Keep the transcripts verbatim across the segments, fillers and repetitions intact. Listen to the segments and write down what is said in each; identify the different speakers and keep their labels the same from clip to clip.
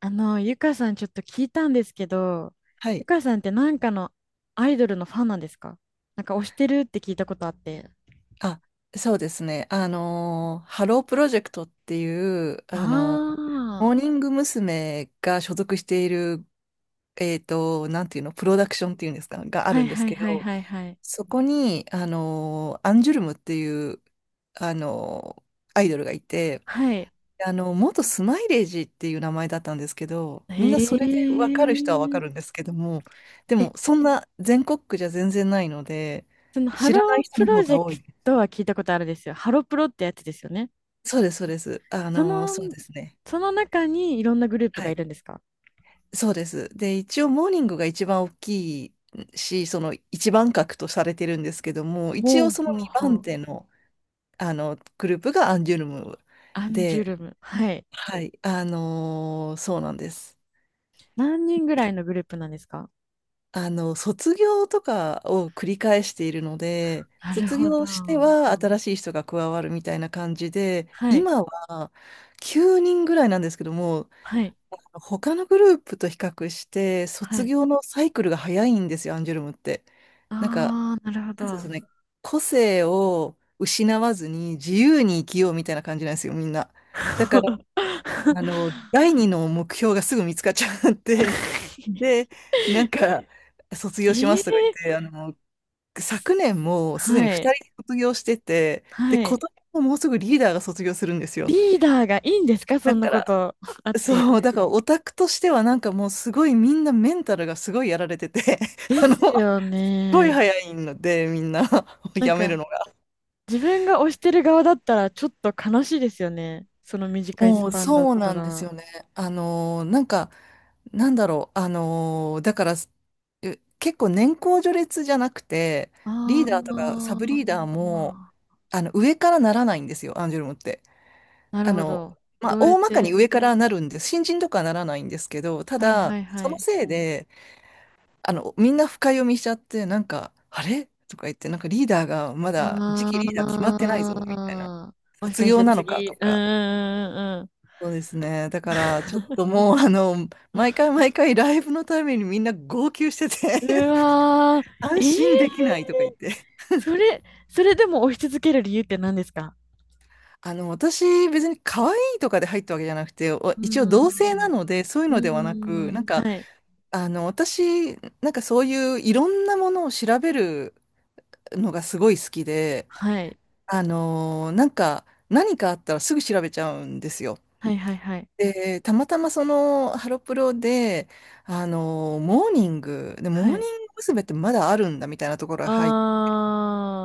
Speaker 1: あの、ゆかさんちょっと聞いたんですけど、
Speaker 2: は
Speaker 1: ゆ
Speaker 2: い。
Speaker 1: かさんってなんかのアイドルのファンなんですか？なんか推してるって聞いたことあって。
Speaker 2: あ、そうですね。あのー、ハロープロジェクトっていう、あ
Speaker 1: あ
Speaker 2: のー、モーニング娘。が所属している、えっと、なんていうの、プロダクションっていうんですか、
Speaker 1: あ、
Speaker 2: があ
Speaker 1: は
Speaker 2: る
Speaker 1: い
Speaker 2: んで
Speaker 1: は
Speaker 2: す
Speaker 1: い
Speaker 2: け
Speaker 1: はい
Speaker 2: ど、
Speaker 1: はいはい。
Speaker 2: そこに、あのー、アンジュルムっていう、あのー、アイドルがいて、
Speaker 1: はい。
Speaker 2: あの、元スマイレージっていう名前だったんですけど、みん
Speaker 1: へ
Speaker 2: なそれで分かる人は分かる
Speaker 1: え。
Speaker 2: んですけども、で
Speaker 1: え、
Speaker 2: も、そんな全国区じゃ全然ないので、
Speaker 1: そのハ
Speaker 2: 知らな
Speaker 1: ロ
Speaker 2: い
Speaker 1: ー
Speaker 2: 人
Speaker 1: プ
Speaker 2: の
Speaker 1: ロ
Speaker 2: 方
Speaker 1: ジ
Speaker 2: が
Speaker 1: ェク
Speaker 2: 多い。
Speaker 1: トは聞いたことあるんですよ。ハロプロってやつですよね。
Speaker 2: そうです、そうです。あ
Speaker 1: そ
Speaker 2: の、そう
Speaker 1: の、
Speaker 2: ですね。
Speaker 1: その中にいろんなグループ
Speaker 2: は
Speaker 1: がい
Speaker 2: い。
Speaker 1: るんですか？
Speaker 2: そうです。で、一応、モーニングが一番大きいし、その一番格とされてるんですけども、一
Speaker 1: ほ
Speaker 2: 応
Speaker 1: う
Speaker 2: その
Speaker 1: ほう
Speaker 2: 2
Speaker 1: ほ
Speaker 2: 番
Speaker 1: う。
Speaker 2: 手の、あのグループがアンジュルム
Speaker 1: アンジュ
Speaker 2: で、
Speaker 1: ルム。はい。
Speaker 2: はい、あのーそうなんです。
Speaker 1: 何人ぐらいのグループなんですか？
Speaker 2: あの、卒業とかを繰り返しているので、
Speaker 1: なる
Speaker 2: 卒
Speaker 1: ほど。
Speaker 2: 業しては新しい人が加わるみたいな感じで、
Speaker 1: はい。
Speaker 2: 今はきゅうにんぐらいなんですけども、
Speaker 1: はい。
Speaker 2: 他のグループと比較して、
Speaker 1: は
Speaker 2: 卒
Speaker 1: い。
Speaker 2: 業のサイクルが早いんですよ、アンジュルムって。なんか、
Speaker 1: ああ、なるほ
Speaker 2: なんていうんです
Speaker 1: ど。
Speaker 2: かね、個性を失わずに自由に生きようみたいな感じなんですよ、みんな。だから、あの、第二の目標がすぐ見つかっちゃって、で、なんか、卒業しま
Speaker 1: え
Speaker 2: すとか言っ
Speaker 1: え、
Speaker 2: て、あの、昨年もすで
Speaker 1: は
Speaker 2: に
Speaker 1: い。
Speaker 2: 二人卒業してて、で、
Speaker 1: は
Speaker 2: 今
Speaker 1: い。
Speaker 2: 年ももうすぐリーダーが卒業するんですよ。
Speaker 1: リーダーがいいんですか、そ
Speaker 2: だ
Speaker 1: んな
Speaker 2: か
Speaker 1: こ
Speaker 2: ら、
Speaker 1: と あって。
Speaker 2: そう、だからオタクとしてはなんかもうすごいみんなメンタルがすごいやられてて
Speaker 1: で
Speaker 2: あの、
Speaker 1: す
Speaker 2: すっ
Speaker 1: よ
Speaker 2: ごい
Speaker 1: ね。
Speaker 2: 早いのでみんな
Speaker 1: なん
Speaker 2: やめる
Speaker 1: か、
Speaker 2: のが。
Speaker 1: 自分が推してる側だったら、ちょっと悲しいですよね。その短いス
Speaker 2: もう
Speaker 1: パンだっ
Speaker 2: そう
Speaker 1: た
Speaker 2: なんです
Speaker 1: ら。
Speaker 2: よね。あのー、なんか、なんだろう、あのー、だから、え結構年功序列じゃなくて、リ
Speaker 1: あ
Speaker 2: ーダーとかサ
Speaker 1: あ、
Speaker 2: ブリーダーも、あの、上からならないんですよ、アンジュルムって。
Speaker 1: なる
Speaker 2: あ
Speaker 1: ほ
Speaker 2: の、
Speaker 1: ど。
Speaker 2: まあ、
Speaker 1: どうやっ
Speaker 2: 大まかに
Speaker 1: て。
Speaker 2: 上からなるんです。新人とかはならないんですけど、た
Speaker 1: はい
Speaker 2: だ、
Speaker 1: はい
Speaker 2: そ
Speaker 1: は
Speaker 2: の
Speaker 1: い。
Speaker 2: せいで、あの、みんな深読みしちゃって、なんか、あれとか言って、なんかリーダーがまだ次期リーダー決まっ
Speaker 1: あ
Speaker 2: てないぞ、みたいな。
Speaker 1: あ、もし
Speaker 2: 卒
Speaker 1: かし
Speaker 2: 業
Speaker 1: て
Speaker 2: なのか
Speaker 1: 次、
Speaker 2: と
Speaker 1: うんう
Speaker 2: か。
Speaker 1: んうん
Speaker 2: そうですね。だから、ちょっともう、あの、毎回毎回ライブのためにみんな号泣してて
Speaker 1: うん。うわ ー、
Speaker 2: 安
Speaker 1: ええ、
Speaker 2: 心できないとか言って。
Speaker 1: それ、それでも追い続ける理由って何ですか？
Speaker 2: あの、私、別に可愛いとかで入ったわけじゃなくて、お
Speaker 1: うー
Speaker 2: 一応同性な
Speaker 1: ん、
Speaker 2: ので、そういう
Speaker 1: う
Speaker 2: のではなく、
Speaker 1: ーん、
Speaker 2: なんか、
Speaker 1: はい、
Speaker 2: あの、私、なんかそういういろんなものを調べるのがすごい好きで、
Speaker 1: はい、
Speaker 2: あのーなんか、何かあったらすぐ調べちゃうんですよ。
Speaker 1: はいはいはい、
Speaker 2: で、たまたまそのハロプロで、あのーモーニング、で、モー
Speaker 1: は
Speaker 2: ニング
Speaker 1: い。
Speaker 2: 娘。ってまだあるんだみたいなところが入っ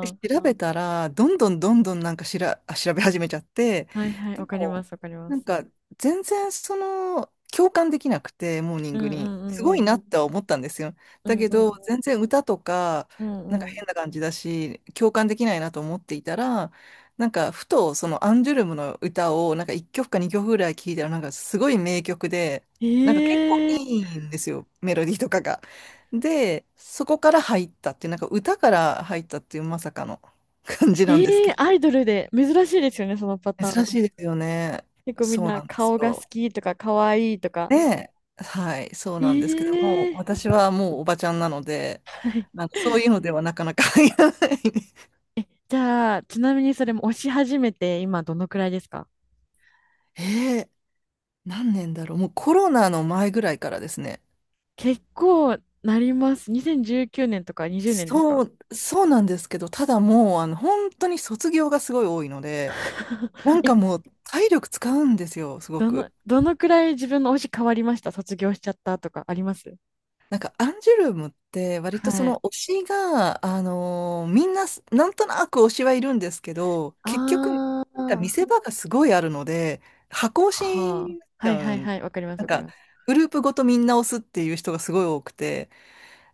Speaker 2: で調べたら、どんどんどんどんなんかしら、あ調べ始めちゃって、
Speaker 1: ー、はいはい、
Speaker 2: で
Speaker 1: わかりま
Speaker 2: も、
Speaker 1: す、わかりま
Speaker 2: なん
Speaker 1: す。
Speaker 2: か全然その、共感できなくて、モーニン
Speaker 1: うん
Speaker 2: グ
Speaker 1: う
Speaker 2: に。
Speaker 1: ん
Speaker 2: す
Speaker 1: う
Speaker 2: ご
Speaker 1: んう
Speaker 2: い
Speaker 1: ん、
Speaker 2: なっては思ったんですよ。
Speaker 1: う
Speaker 2: だ
Speaker 1: ん
Speaker 2: け
Speaker 1: う
Speaker 2: ど、
Speaker 1: ん
Speaker 2: 全然歌とか、
Speaker 1: うん、う
Speaker 2: なんか
Speaker 1: んうん。
Speaker 2: 変な感じだし、共感できないなと思っていたら、なんかふとそのアンジュルムの歌を、なんかいっきょくかにきょくぐらい聴いたら、なんかすごい名曲で、なんか結構
Speaker 1: ええ
Speaker 2: いいんですよ、メロディーとかが。で、そこから入ったっていう、なんか歌から入ったっていうまさかの 感じなん
Speaker 1: え
Speaker 2: ですけ
Speaker 1: え、
Speaker 2: ど。
Speaker 1: アイドルで、珍しいですよね、そのパター
Speaker 2: 珍
Speaker 1: ン。
Speaker 2: しいですよね。
Speaker 1: 結構みん
Speaker 2: そう
Speaker 1: な
Speaker 2: なんです
Speaker 1: 顔が好
Speaker 2: よ。
Speaker 1: きとか可愛いとか。
Speaker 2: で、はい、そうなんですけども、
Speaker 1: ええ、
Speaker 2: 私はもうおばちゃんなので、
Speaker 1: はい。
Speaker 2: なんかそういうのではなかなか入らない。
Speaker 1: じゃあ、ちなみにそれも押し始めて今どのくらいですか？
Speaker 2: えー、何年だろう。もうコロナの前ぐらいからですね。
Speaker 1: 結構なります。にせんじゅうきゅうねんとかにじゅうねんです
Speaker 2: そ
Speaker 1: か？
Speaker 2: う、そうなんですけど、ただもう、あの、本当に卒業がすごい多いので、な ん
Speaker 1: え、
Speaker 2: かもう体力使うんですよ、すご
Speaker 1: どの、
Speaker 2: く。
Speaker 1: どのくらい自分の推し変わりました？卒業しちゃったとかあります？
Speaker 2: なんかアンジュルムって割とそ
Speaker 1: は
Speaker 2: の
Speaker 1: い。
Speaker 2: 推しが、あのーみんなすなんとなく推しはいるんですけど、結局
Speaker 1: あ
Speaker 2: なんか見
Speaker 1: あ。
Speaker 2: せ場がすごいあるので、箱推し
Speaker 1: はあ。
Speaker 2: になっち
Speaker 1: はい
Speaker 2: ゃ
Speaker 1: は
Speaker 2: う
Speaker 1: い
Speaker 2: ん。
Speaker 1: はい。わかります
Speaker 2: なん
Speaker 1: わかり
Speaker 2: か
Speaker 1: ます。
Speaker 2: グループごとみんな推すっていう人がすごい多くて、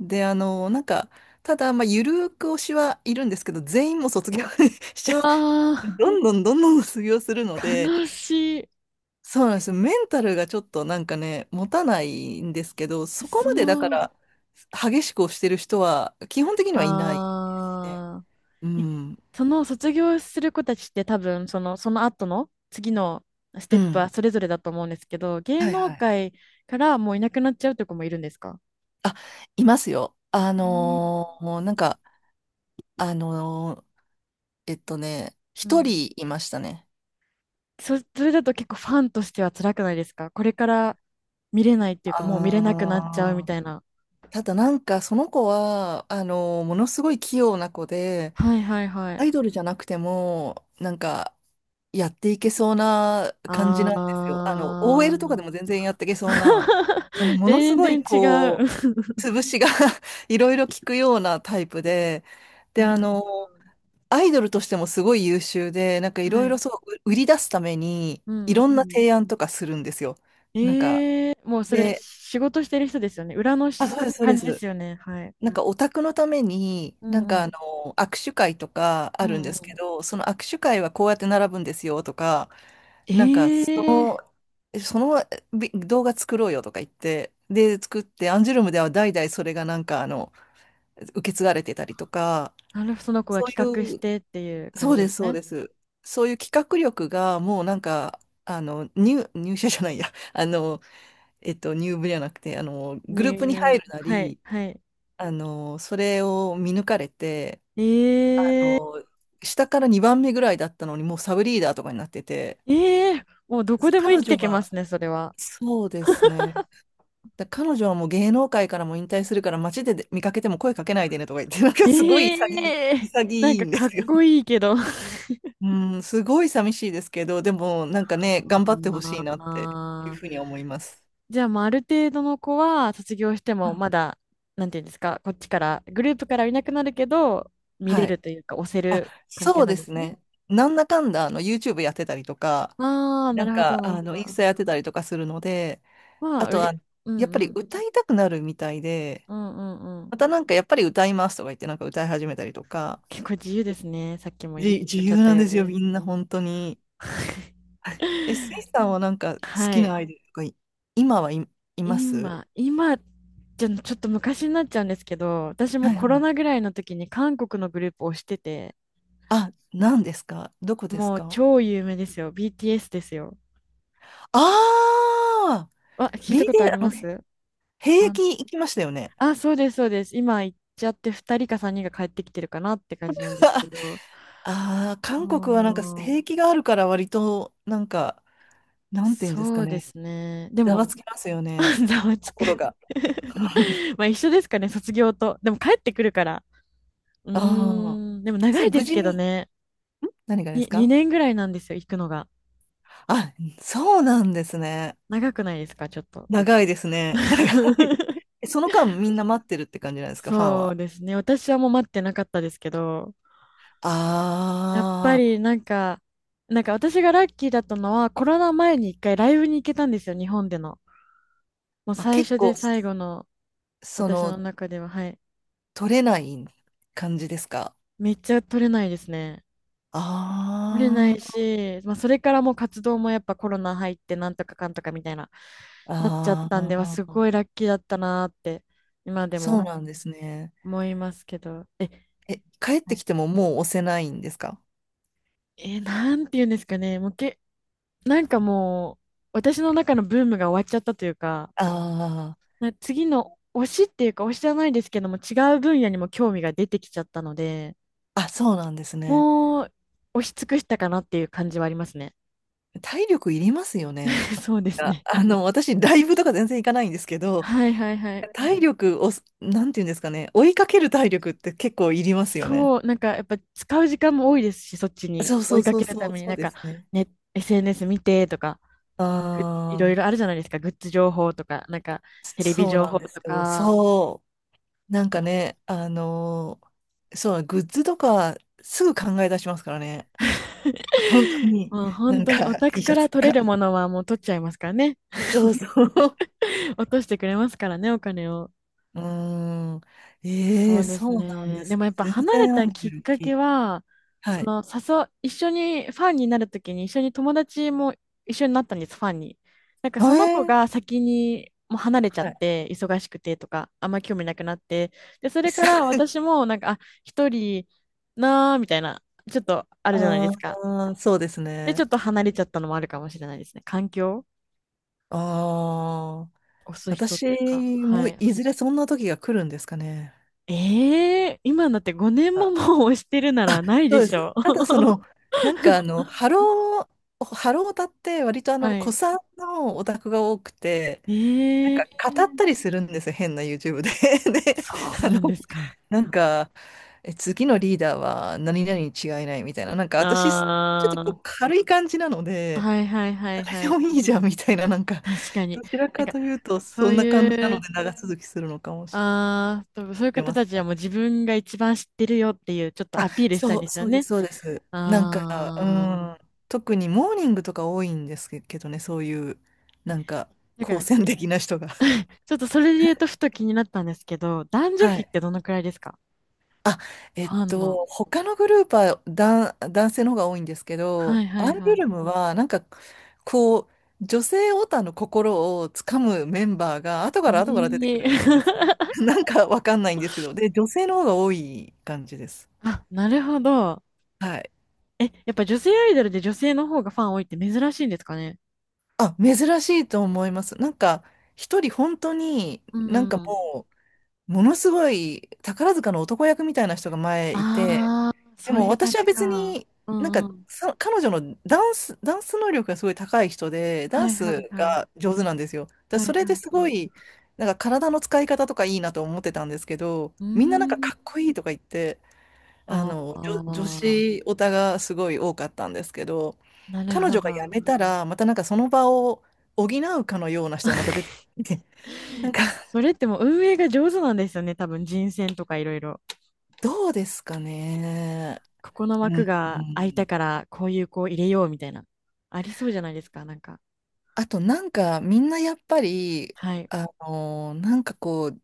Speaker 2: で、あのーなんか、ただ、まあ、ゆるーく推しはいるんですけど、全員も卒業 し
Speaker 1: う
Speaker 2: ちゃう。
Speaker 1: わ
Speaker 2: どんどんどんどん卒業するので、
Speaker 1: ー悲しい。
Speaker 2: そうなんですよ。メンタルがちょっとなんかね、持たないんですけど、そこ
Speaker 1: そ
Speaker 2: までだか
Speaker 1: の、
Speaker 2: ら、激しく押してる人は、基本的にはいないですね。
Speaker 1: ああ。
Speaker 2: う
Speaker 1: え
Speaker 2: ん。
Speaker 1: その卒業する子たちって多分その、その後の次のステ
Speaker 2: う
Speaker 1: ップ
Speaker 2: ん。
Speaker 1: はそれぞれだと思うんですけど、芸
Speaker 2: はい
Speaker 1: 能
Speaker 2: はい。
Speaker 1: 界からもういなくなっちゃうという子もいるんですか？
Speaker 2: あ、いますよ。あのーなんか、あのーえっとね、
Speaker 1: う
Speaker 2: 一
Speaker 1: ん。
Speaker 2: 人いましたね。
Speaker 1: そ、それだと結構ファンとしては辛くないですか？これから見れないっていうかもう見れなくなっちゃうみ
Speaker 2: ああ。
Speaker 1: たいな。
Speaker 2: ただなんか、その子は、あのーものすごい器用な子で、
Speaker 1: はいはいは
Speaker 2: ア
Speaker 1: い。
Speaker 2: イドルじゃなくても、なんか、やっていけそうな感じなんですよ。あの、
Speaker 1: あ
Speaker 2: オーエル と
Speaker 1: ー。
Speaker 2: かでも全然やっていけそうな、あの、ものす
Speaker 1: 全
Speaker 2: ごい
Speaker 1: 然違
Speaker 2: こう、
Speaker 1: う。
Speaker 2: 潰しが いろいろ効くようなタイプで、
Speaker 1: な
Speaker 2: で、あ
Speaker 1: るほ
Speaker 2: の、アイドルとしてもすごい優秀で、なんかい
Speaker 1: ど。は
Speaker 2: ろいろ
Speaker 1: い。
Speaker 2: そう、う売り出すために、
Speaker 1: うん
Speaker 2: い
Speaker 1: う
Speaker 2: ろ
Speaker 1: ん
Speaker 2: ん
Speaker 1: う
Speaker 2: な
Speaker 1: ん。
Speaker 2: 提案とかするんですよ。なんか、
Speaker 1: ええ、もうそれ
Speaker 2: で、
Speaker 1: 仕事してる人ですよね。裏の
Speaker 2: あ、
Speaker 1: し
Speaker 2: そう
Speaker 1: か
Speaker 2: です、そう
Speaker 1: 感
Speaker 2: で
Speaker 1: じで
Speaker 2: す。
Speaker 1: すよね。はい。
Speaker 2: なんかオタクのために、
Speaker 1: う
Speaker 2: なん
Speaker 1: んう
Speaker 2: かあ
Speaker 1: ん。
Speaker 2: の、握手会とか
Speaker 1: う
Speaker 2: あるん
Speaker 1: んう
Speaker 2: ですけ
Speaker 1: ん。
Speaker 2: ど、その握手会はこうやって並ぶんですよとか、
Speaker 1: え
Speaker 2: なんかそ
Speaker 1: え、
Speaker 2: のえそのび動画作ろうよとか言って、で、作って、アンジュルムでは代々それがなんかあの、受け継がれてたりとか、
Speaker 1: なるほど、その子が
Speaker 2: そう
Speaker 1: 企画し
Speaker 2: いう、
Speaker 1: てっていう感
Speaker 2: そ
Speaker 1: じ
Speaker 2: う
Speaker 1: で
Speaker 2: で
Speaker 1: す
Speaker 2: す、そう
Speaker 1: ね。
Speaker 2: です。そういう企画力がもうなんか、あの、入、入社じゃないや、あの、えっと、入部じゃなくて、あの、グルー
Speaker 1: ニ
Speaker 2: プに
Speaker 1: ュ
Speaker 2: 入
Speaker 1: ー。
Speaker 2: るな
Speaker 1: はい、
Speaker 2: り、
Speaker 1: はい。
Speaker 2: あの、それを見抜かれて、あ
Speaker 1: ええ
Speaker 2: の、下からにばんめぐらいだったのに、もうサブリーダーとかになってて、
Speaker 1: ええ、もうどこでも生
Speaker 2: 彼
Speaker 1: きて
Speaker 2: 女
Speaker 1: けま
Speaker 2: は、
Speaker 1: すね、それは。
Speaker 2: そうですね。だから彼女はもう芸能界からも引退するから街で見かけても声かけないでねとか言って、なんかすごい
Speaker 1: え
Speaker 2: 潔い、
Speaker 1: え、なん
Speaker 2: 潔い
Speaker 1: か
Speaker 2: んで
Speaker 1: かっ
Speaker 2: すよ。
Speaker 1: こいいけど。
Speaker 2: うん、すごい寂しいですけど、でもなんかね、頑張ってほし いなっていう
Speaker 1: あ
Speaker 2: ふう
Speaker 1: ー。
Speaker 2: に思います。
Speaker 1: じゃあ、まあ、ある程度の子は卒業して
Speaker 2: は
Speaker 1: も
Speaker 2: い
Speaker 1: まだ、なんていうんですか、こっちから、グループからいなくなるけど、見れ
Speaker 2: はい。
Speaker 1: るというか、押せ
Speaker 2: あ、
Speaker 1: る関係
Speaker 2: そう
Speaker 1: な
Speaker 2: で
Speaker 1: んで
Speaker 2: す
Speaker 1: すね。
Speaker 2: ね。なんだかんだあの YouTube やってたりとか、
Speaker 1: ああ、な
Speaker 2: なん
Speaker 1: るほど、
Speaker 2: か
Speaker 1: なる
Speaker 2: あ
Speaker 1: ほ
Speaker 2: のインス
Speaker 1: ど。
Speaker 2: タやってたりとかするので、
Speaker 1: ま
Speaker 2: あ
Speaker 1: あ、う
Speaker 2: と
Speaker 1: れ、
Speaker 2: は
Speaker 1: う
Speaker 2: やっ
Speaker 1: ん
Speaker 2: ぱ
Speaker 1: う
Speaker 2: り
Speaker 1: ん、
Speaker 2: 歌いたくなるみたいで、
Speaker 1: うんうんうん。
Speaker 2: またなんかやっぱり歌いますとか言ってなんか歌い始めたりとか、
Speaker 1: 結構自由ですね。さっきも言
Speaker 2: じ、自
Speaker 1: っちゃ
Speaker 2: 由
Speaker 1: った
Speaker 2: なん
Speaker 1: よ
Speaker 2: ですよ、
Speaker 1: ね。
Speaker 2: みんな本当に。え、スイさんはなんか 好
Speaker 1: は
Speaker 2: きな
Speaker 1: い。
Speaker 2: アイドルとかい、今はい、います
Speaker 1: 今、今、じゃ、ちょっと昔になっちゃうんですけど、私も
Speaker 2: はい
Speaker 1: コ
Speaker 2: は
Speaker 1: ロ
Speaker 2: い。
Speaker 1: ナぐらいの時に韓国のグループをしてて、
Speaker 2: あ、何ですかどこです
Speaker 1: もう
Speaker 2: か
Speaker 1: 超有名ですよ。ビーティーエス ですよ。
Speaker 2: ああ
Speaker 1: あ、
Speaker 2: ー
Speaker 1: 聞い
Speaker 2: ビ
Speaker 1: た
Speaker 2: デ
Speaker 1: ことあり
Speaker 2: オあ
Speaker 1: ま
Speaker 2: の、
Speaker 1: す？
Speaker 2: 兵
Speaker 1: あ、
Speaker 2: 役行きましたよね。
Speaker 1: あ、そうです、そうです。今行っちゃってふたりかさんにんが帰ってきてるかなって感じなんですけ ど。
Speaker 2: ああ、韓国はなんか
Speaker 1: そ
Speaker 2: 兵
Speaker 1: う、
Speaker 2: 役があるから割と、なんか、なんていうんです
Speaker 1: そ
Speaker 2: か
Speaker 1: うで
Speaker 2: ね。
Speaker 1: すね。で
Speaker 2: ざ
Speaker 1: も、
Speaker 2: わつきますよね。
Speaker 1: ざわつく
Speaker 2: 心が。
Speaker 1: まあ一緒ですかね、卒業と。でも帰ってくるから。う
Speaker 2: あ
Speaker 1: ーん、でも
Speaker 2: あ。
Speaker 1: 長
Speaker 2: そ
Speaker 1: い
Speaker 2: れ
Speaker 1: で
Speaker 2: 無
Speaker 1: す
Speaker 2: 事
Speaker 1: けど
Speaker 2: に、
Speaker 1: ね。
Speaker 2: 何がで
Speaker 1: に、
Speaker 2: すか
Speaker 1: にねんぐらいなんですよ、行くのが。
Speaker 2: あ、そうなんですね。
Speaker 1: 長くないですか、ちょっと。
Speaker 2: 長いですね。長い。えその間みんな待ってるって感じなんですか、ファン
Speaker 1: そう
Speaker 2: は。
Speaker 1: ですね。私はもう待ってなかったですけど、
Speaker 2: あ
Speaker 1: やっぱり
Speaker 2: ー
Speaker 1: なんか、なんか私がラッキーだったのはコロナ前に一回ライブに行けたんですよ、日本での。もう
Speaker 2: あ、
Speaker 1: 最
Speaker 2: 結
Speaker 1: 初
Speaker 2: 構、
Speaker 1: で最後の
Speaker 2: そ
Speaker 1: 私
Speaker 2: の、
Speaker 1: の中では、はい。
Speaker 2: 取れない感じですか。
Speaker 1: めっちゃ取れないですね。
Speaker 2: あ
Speaker 1: 取れない
Speaker 2: ー
Speaker 1: し、まあ、それからもう活動もやっぱコロナ入ってなんとかかんとかみたいな、なっちゃっ
Speaker 2: あ
Speaker 1: たんで、はす
Speaker 2: ー、
Speaker 1: ごいラッキーだったなーって今で
Speaker 2: そう
Speaker 1: も
Speaker 2: なんですね。
Speaker 1: 思いますけど。え、
Speaker 2: え、帰っ
Speaker 1: は
Speaker 2: て
Speaker 1: い。
Speaker 2: きてももう押せないんですか
Speaker 1: え、なんて言うんですかね。もうけ、なんかもう私の中のブームが終わっちゃったというか、
Speaker 2: あ
Speaker 1: な次の推しっていうか推しじゃないですけども違う分野にも興味が出てきちゃったので
Speaker 2: あー、あ、そうなんですね。
Speaker 1: もう押し尽くしたかなっていう感じはありますね。
Speaker 2: 体力いりますよね。
Speaker 1: そうです
Speaker 2: あ、
Speaker 1: ね。
Speaker 2: あの、私、ライブとか全然行かないんですけど、
Speaker 1: はいはいはい。
Speaker 2: 体力を、なんていうんですかね、追いかける体力って結構いりますよね。
Speaker 1: そう、なんかやっぱ使う時間も多いですし、そっちに
Speaker 2: そう
Speaker 1: 追
Speaker 2: そ
Speaker 1: い
Speaker 2: う
Speaker 1: か
Speaker 2: そう
Speaker 1: ける
Speaker 2: そ
Speaker 1: た
Speaker 2: う、
Speaker 1: めに
Speaker 2: そ
Speaker 1: な
Speaker 2: う
Speaker 1: ん
Speaker 2: で
Speaker 1: か、
Speaker 2: すね。
Speaker 1: ね、エスエヌエス 見てとか、ぐいろ
Speaker 2: あ
Speaker 1: い
Speaker 2: あ、
Speaker 1: ろあるじゃないですか、グッズ情報とか、なんかテレビ
Speaker 2: そう
Speaker 1: 情
Speaker 2: なん
Speaker 1: 報
Speaker 2: です
Speaker 1: と
Speaker 2: よ。
Speaker 1: か。
Speaker 2: そう。なんかね、あのーそう、グッズとかすぐ考え出しますからね。本当 に。
Speaker 1: もう
Speaker 2: な
Speaker 1: 本
Speaker 2: ん
Speaker 1: 当にオ
Speaker 2: か
Speaker 1: タク
Speaker 2: T シ
Speaker 1: か
Speaker 2: ャ
Speaker 1: ら
Speaker 2: ツと
Speaker 1: 取れ
Speaker 2: か。
Speaker 1: るものはもう取っちゃいますからね。
Speaker 2: そうそ う。
Speaker 1: 落としてくれますからね、お金を。
Speaker 2: うーん。え
Speaker 1: そ
Speaker 2: え、
Speaker 1: うです
Speaker 2: そうなん
Speaker 1: ね。
Speaker 2: で
Speaker 1: で
Speaker 2: すね。
Speaker 1: もやっぱ
Speaker 2: 全
Speaker 1: 離れ
Speaker 2: 然ア
Speaker 1: た
Speaker 2: ンジ
Speaker 1: き
Speaker 2: ェ
Speaker 1: っ
Speaker 2: ル
Speaker 1: か
Speaker 2: キ
Speaker 1: け
Speaker 2: ー。
Speaker 1: は、
Speaker 2: は
Speaker 1: そ
Speaker 2: い。
Speaker 1: の誘う、一緒にファンになるときに一緒に友達も一緒になったんです、ファンに。なんかその子
Speaker 2: え
Speaker 1: が
Speaker 2: え、
Speaker 1: 先にもう離れちゃっ
Speaker 2: はい。
Speaker 1: て、忙しくてとか、あんま興味なくなって、で、そ
Speaker 2: い
Speaker 1: れ
Speaker 2: っ
Speaker 1: か
Speaker 2: さ
Speaker 1: ら
Speaker 2: い。
Speaker 1: 私もなんか、あ、一人なーみたいな、ちょっと あるじゃないで
Speaker 2: あ
Speaker 1: すか。
Speaker 2: あ、そうです
Speaker 1: で、ちょ
Speaker 2: ね。
Speaker 1: っと離れちゃったのもあるかもしれないですね。環境
Speaker 2: ああ、
Speaker 1: 押す人っ
Speaker 2: 私
Speaker 1: ていうか、は
Speaker 2: も
Speaker 1: い。
Speaker 2: いずれそんな時が来るんですかね。
Speaker 1: ええー今だってごねんももう押してるなら
Speaker 2: あ、
Speaker 1: ない
Speaker 2: そ
Speaker 1: で
Speaker 2: うで
Speaker 1: し
Speaker 2: す。
Speaker 1: ょ？
Speaker 2: ただその、なんかあの、ハロー、ハロータって割と あ
Speaker 1: は
Speaker 2: の、古
Speaker 1: い。
Speaker 2: 参のオタクが多くて、なん
Speaker 1: え
Speaker 2: か
Speaker 1: え、
Speaker 2: 語ったりするんですよ、変な YouTube で。で、
Speaker 1: そう
Speaker 2: あの、
Speaker 1: なんですか。
Speaker 2: なんか、え、次のリーダーは何々に違いないみたいな、なんか私、ちょっとこ
Speaker 1: あ
Speaker 2: う軽い感じなの
Speaker 1: あ、
Speaker 2: で、
Speaker 1: はいはいはい
Speaker 2: 誰で
Speaker 1: はい。
Speaker 2: もいいじゃんみたいな、なんか、
Speaker 1: 確か
Speaker 2: ど
Speaker 1: に。
Speaker 2: ちら
Speaker 1: なん
Speaker 2: か
Speaker 1: か、
Speaker 2: というと、
Speaker 1: そ
Speaker 2: そ
Speaker 1: う
Speaker 2: んな感じな
Speaker 1: い
Speaker 2: の
Speaker 1: う、
Speaker 2: で長続きするのかもし
Speaker 1: ああ、多分そういう
Speaker 2: れ
Speaker 1: 方
Speaker 2: ません。
Speaker 1: たちはもう自分が一番知ってるよっていう、ちょっと
Speaker 2: あ、
Speaker 1: アピールしたいん
Speaker 2: そう、
Speaker 1: ですよ
Speaker 2: そうで
Speaker 1: ね。
Speaker 2: す、そうです。なんか、う
Speaker 1: ああ。
Speaker 2: ん、特にモーニングとか多いんですけどね、そういう、
Speaker 1: え
Speaker 2: なんか、
Speaker 1: だか
Speaker 2: 好
Speaker 1: ら、
Speaker 2: 戦的な人が。
Speaker 1: ちょっとそれで言うとふと気になったんですけど、男女
Speaker 2: は
Speaker 1: 比っ
Speaker 2: い。
Speaker 1: てどのくらいですか？
Speaker 2: あ、
Speaker 1: フ
Speaker 2: えっ
Speaker 1: ァンの。
Speaker 2: と、他のグループは男、男性の方が多いんですけど、
Speaker 1: はいは
Speaker 2: ア
Speaker 1: い
Speaker 2: イド
Speaker 1: は
Speaker 2: ルムは、なんか、こう、女性オタの心をつかむメンバーが、後から後から出
Speaker 1: い。
Speaker 2: てく
Speaker 1: え
Speaker 2: るんです
Speaker 1: え
Speaker 2: ね。なんかわかんないんですけど、で、女性の方が多い感じです。
Speaker 1: あ、なるほど。
Speaker 2: はい。
Speaker 1: え、やっぱ女性アイドルで女性の方がファン多いって珍しいんですかね？
Speaker 2: あ、珍しいと思います。なんか、一人本当に、
Speaker 1: う
Speaker 2: な
Speaker 1: ん
Speaker 2: んか
Speaker 1: うん。
Speaker 2: もう、ものすごい宝塚の男役みたいな人が前いて、
Speaker 1: ああ、
Speaker 2: で
Speaker 1: そう
Speaker 2: も
Speaker 1: いう感
Speaker 2: 私は
Speaker 1: じ
Speaker 2: 別
Speaker 1: か。
Speaker 2: に、
Speaker 1: う
Speaker 2: なんか、
Speaker 1: んうん。
Speaker 2: さ彼女のダンス、ダンス能力がすごい高い人で、ダ
Speaker 1: は
Speaker 2: ン
Speaker 1: いは
Speaker 2: ス
Speaker 1: いはい。
Speaker 2: が上手なんですよ。だから
Speaker 1: はい
Speaker 2: それ
Speaker 1: はい
Speaker 2: です
Speaker 1: は
Speaker 2: ご
Speaker 1: い。
Speaker 2: い、なんか体の使い方とかいいなと思ってたんですけど、
Speaker 1: うー
Speaker 2: みんななんか
Speaker 1: ん。
Speaker 2: かっこいいとか言って、あ
Speaker 1: あ
Speaker 2: の、女、女
Speaker 1: あ、
Speaker 2: 子オタがすごい多かったんですけど、
Speaker 1: なる
Speaker 2: 彼
Speaker 1: ほ
Speaker 2: 女が辞
Speaker 1: ど。
Speaker 2: めたら、またなんかその場を補うかのような人がまた出てきて。な
Speaker 1: い
Speaker 2: んか、
Speaker 1: や、それってもう運営が上手なんですよね。多分人選とかいろいろ。
Speaker 2: どうですかね。
Speaker 1: ここの
Speaker 2: うん、
Speaker 1: 枠
Speaker 2: う
Speaker 1: が空いた
Speaker 2: ん。
Speaker 1: から、こういう子を入れようみたいな。ありそうじゃないですか、なんか。
Speaker 2: あとなんか、みんなやっぱり、
Speaker 1: はい。
Speaker 2: あの、なんかこう、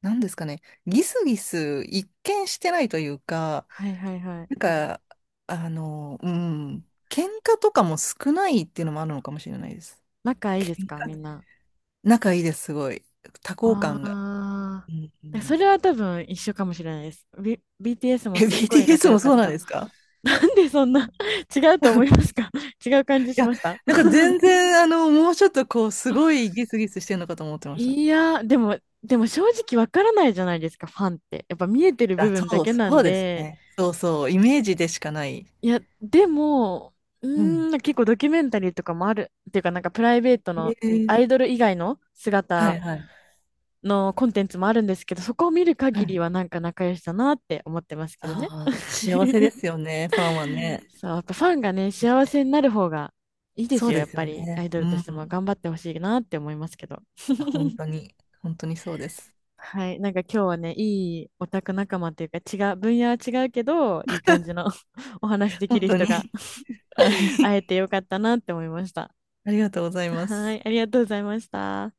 Speaker 2: なんですかね、ギスギス一見してないというか、
Speaker 1: はいはいはい。
Speaker 2: なんか、あの、うん、喧嘩とかも少ないっていうのもあるのかもしれないです。
Speaker 1: 仲いいです
Speaker 2: 喧
Speaker 1: か、み
Speaker 2: 嘩、
Speaker 1: んな。
Speaker 2: 仲いいです、すごい。多幸感が。
Speaker 1: あ
Speaker 2: うんう
Speaker 1: あ。そ
Speaker 2: ん、
Speaker 1: れは多分一緒かもしれないです。B、ビーティーエス も
Speaker 2: え、
Speaker 1: すっごい
Speaker 2: ビーティーエス
Speaker 1: 仲良
Speaker 2: も
Speaker 1: かっ
Speaker 2: そうなん
Speaker 1: た。
Speaker 2: ですか。
Speaker 1: でそんな 違うと思いますか？違う感じ
Speaker 2: い
Speaker 1: し
Speaker 2: や、
Speaker 1: ました？
Speaker 2: なんか全然、あの、もうちょっとこう、すごいギスギスしてるのかと思ってました。
Speaker 1: いやー、でも、でも正直わからないじゃないですか、ファンって。やっぱ見えてる部
Speaker 2: あ、
Speaker 1: 分だ
Speaker 2: そう、
Speaker 1: けな
Speaker 2: そ
Speaker 1: ん
Speaker 2: うです
Speaker 1: で、
Speaker 2: ね。そうそう、イメージでしかない。
Speaker 1: いや、でも、う
Speaker 2: うん。
Speaker 1: ーん、結構ドキュメンタリーとかもある。っていうか、なんかプライベートの
Speaker 2: え
Speaker 1: ア
Speaker 2: え、
Speaker 1: イドル以外の
Speaker 2: は
Speaker 1: 姿
Speaker 2: いはい。
Speaker 1: のコンテンツもあるんですけど、そこを見る
Speaker 2: は
Speaker 1: 限り
Speaker 2: い。
Speaker 1: はなんか仲良しだなって思ってますけどね。
Speaker 2: ああ、幸せで すよね、ファンはね。
Speaker 1: そう、やっぱファンがね、幸せになる方がいいで
Speaker 2: そ
Speaker 1: す
Speaker 2: う
Speaker 1: よ、
Speaker 2: で
Speaker 1: やっ
Speaker 2: す
Speaker 1: ぱ
Speaker 2: よ
Speaker 1: りア
Speaker 2: ね。
Speaker 1: イド
Speaker 2: う
Speaker 1: ルと
Speaker 2: ん。
Speaker 1: しても
Speaker 2: い
Speaker 1: 頑張ってほしいなって思いますけど。
Speaker 2: や本 当に、本当にそうです。
Speaker 1: はい。なんか今日はね、いいオタク仲間というか、違う、分野は違うけど、いい感じの お話でき
Speaker 2: 本
Speaker 1: る
Speaker 2: 当
Speaker 1: 人
Speaker 2: に。
Speaker 1: が
Speaker 2: は
Speaker 1: 会え
Speaker 2: い。
Speaker 1: てよかったなって思いました。
Speaker 2: ありがとうございま
Speaker 1: は
Speaker 2: す。
Speaker 1: い。ありがとうございました。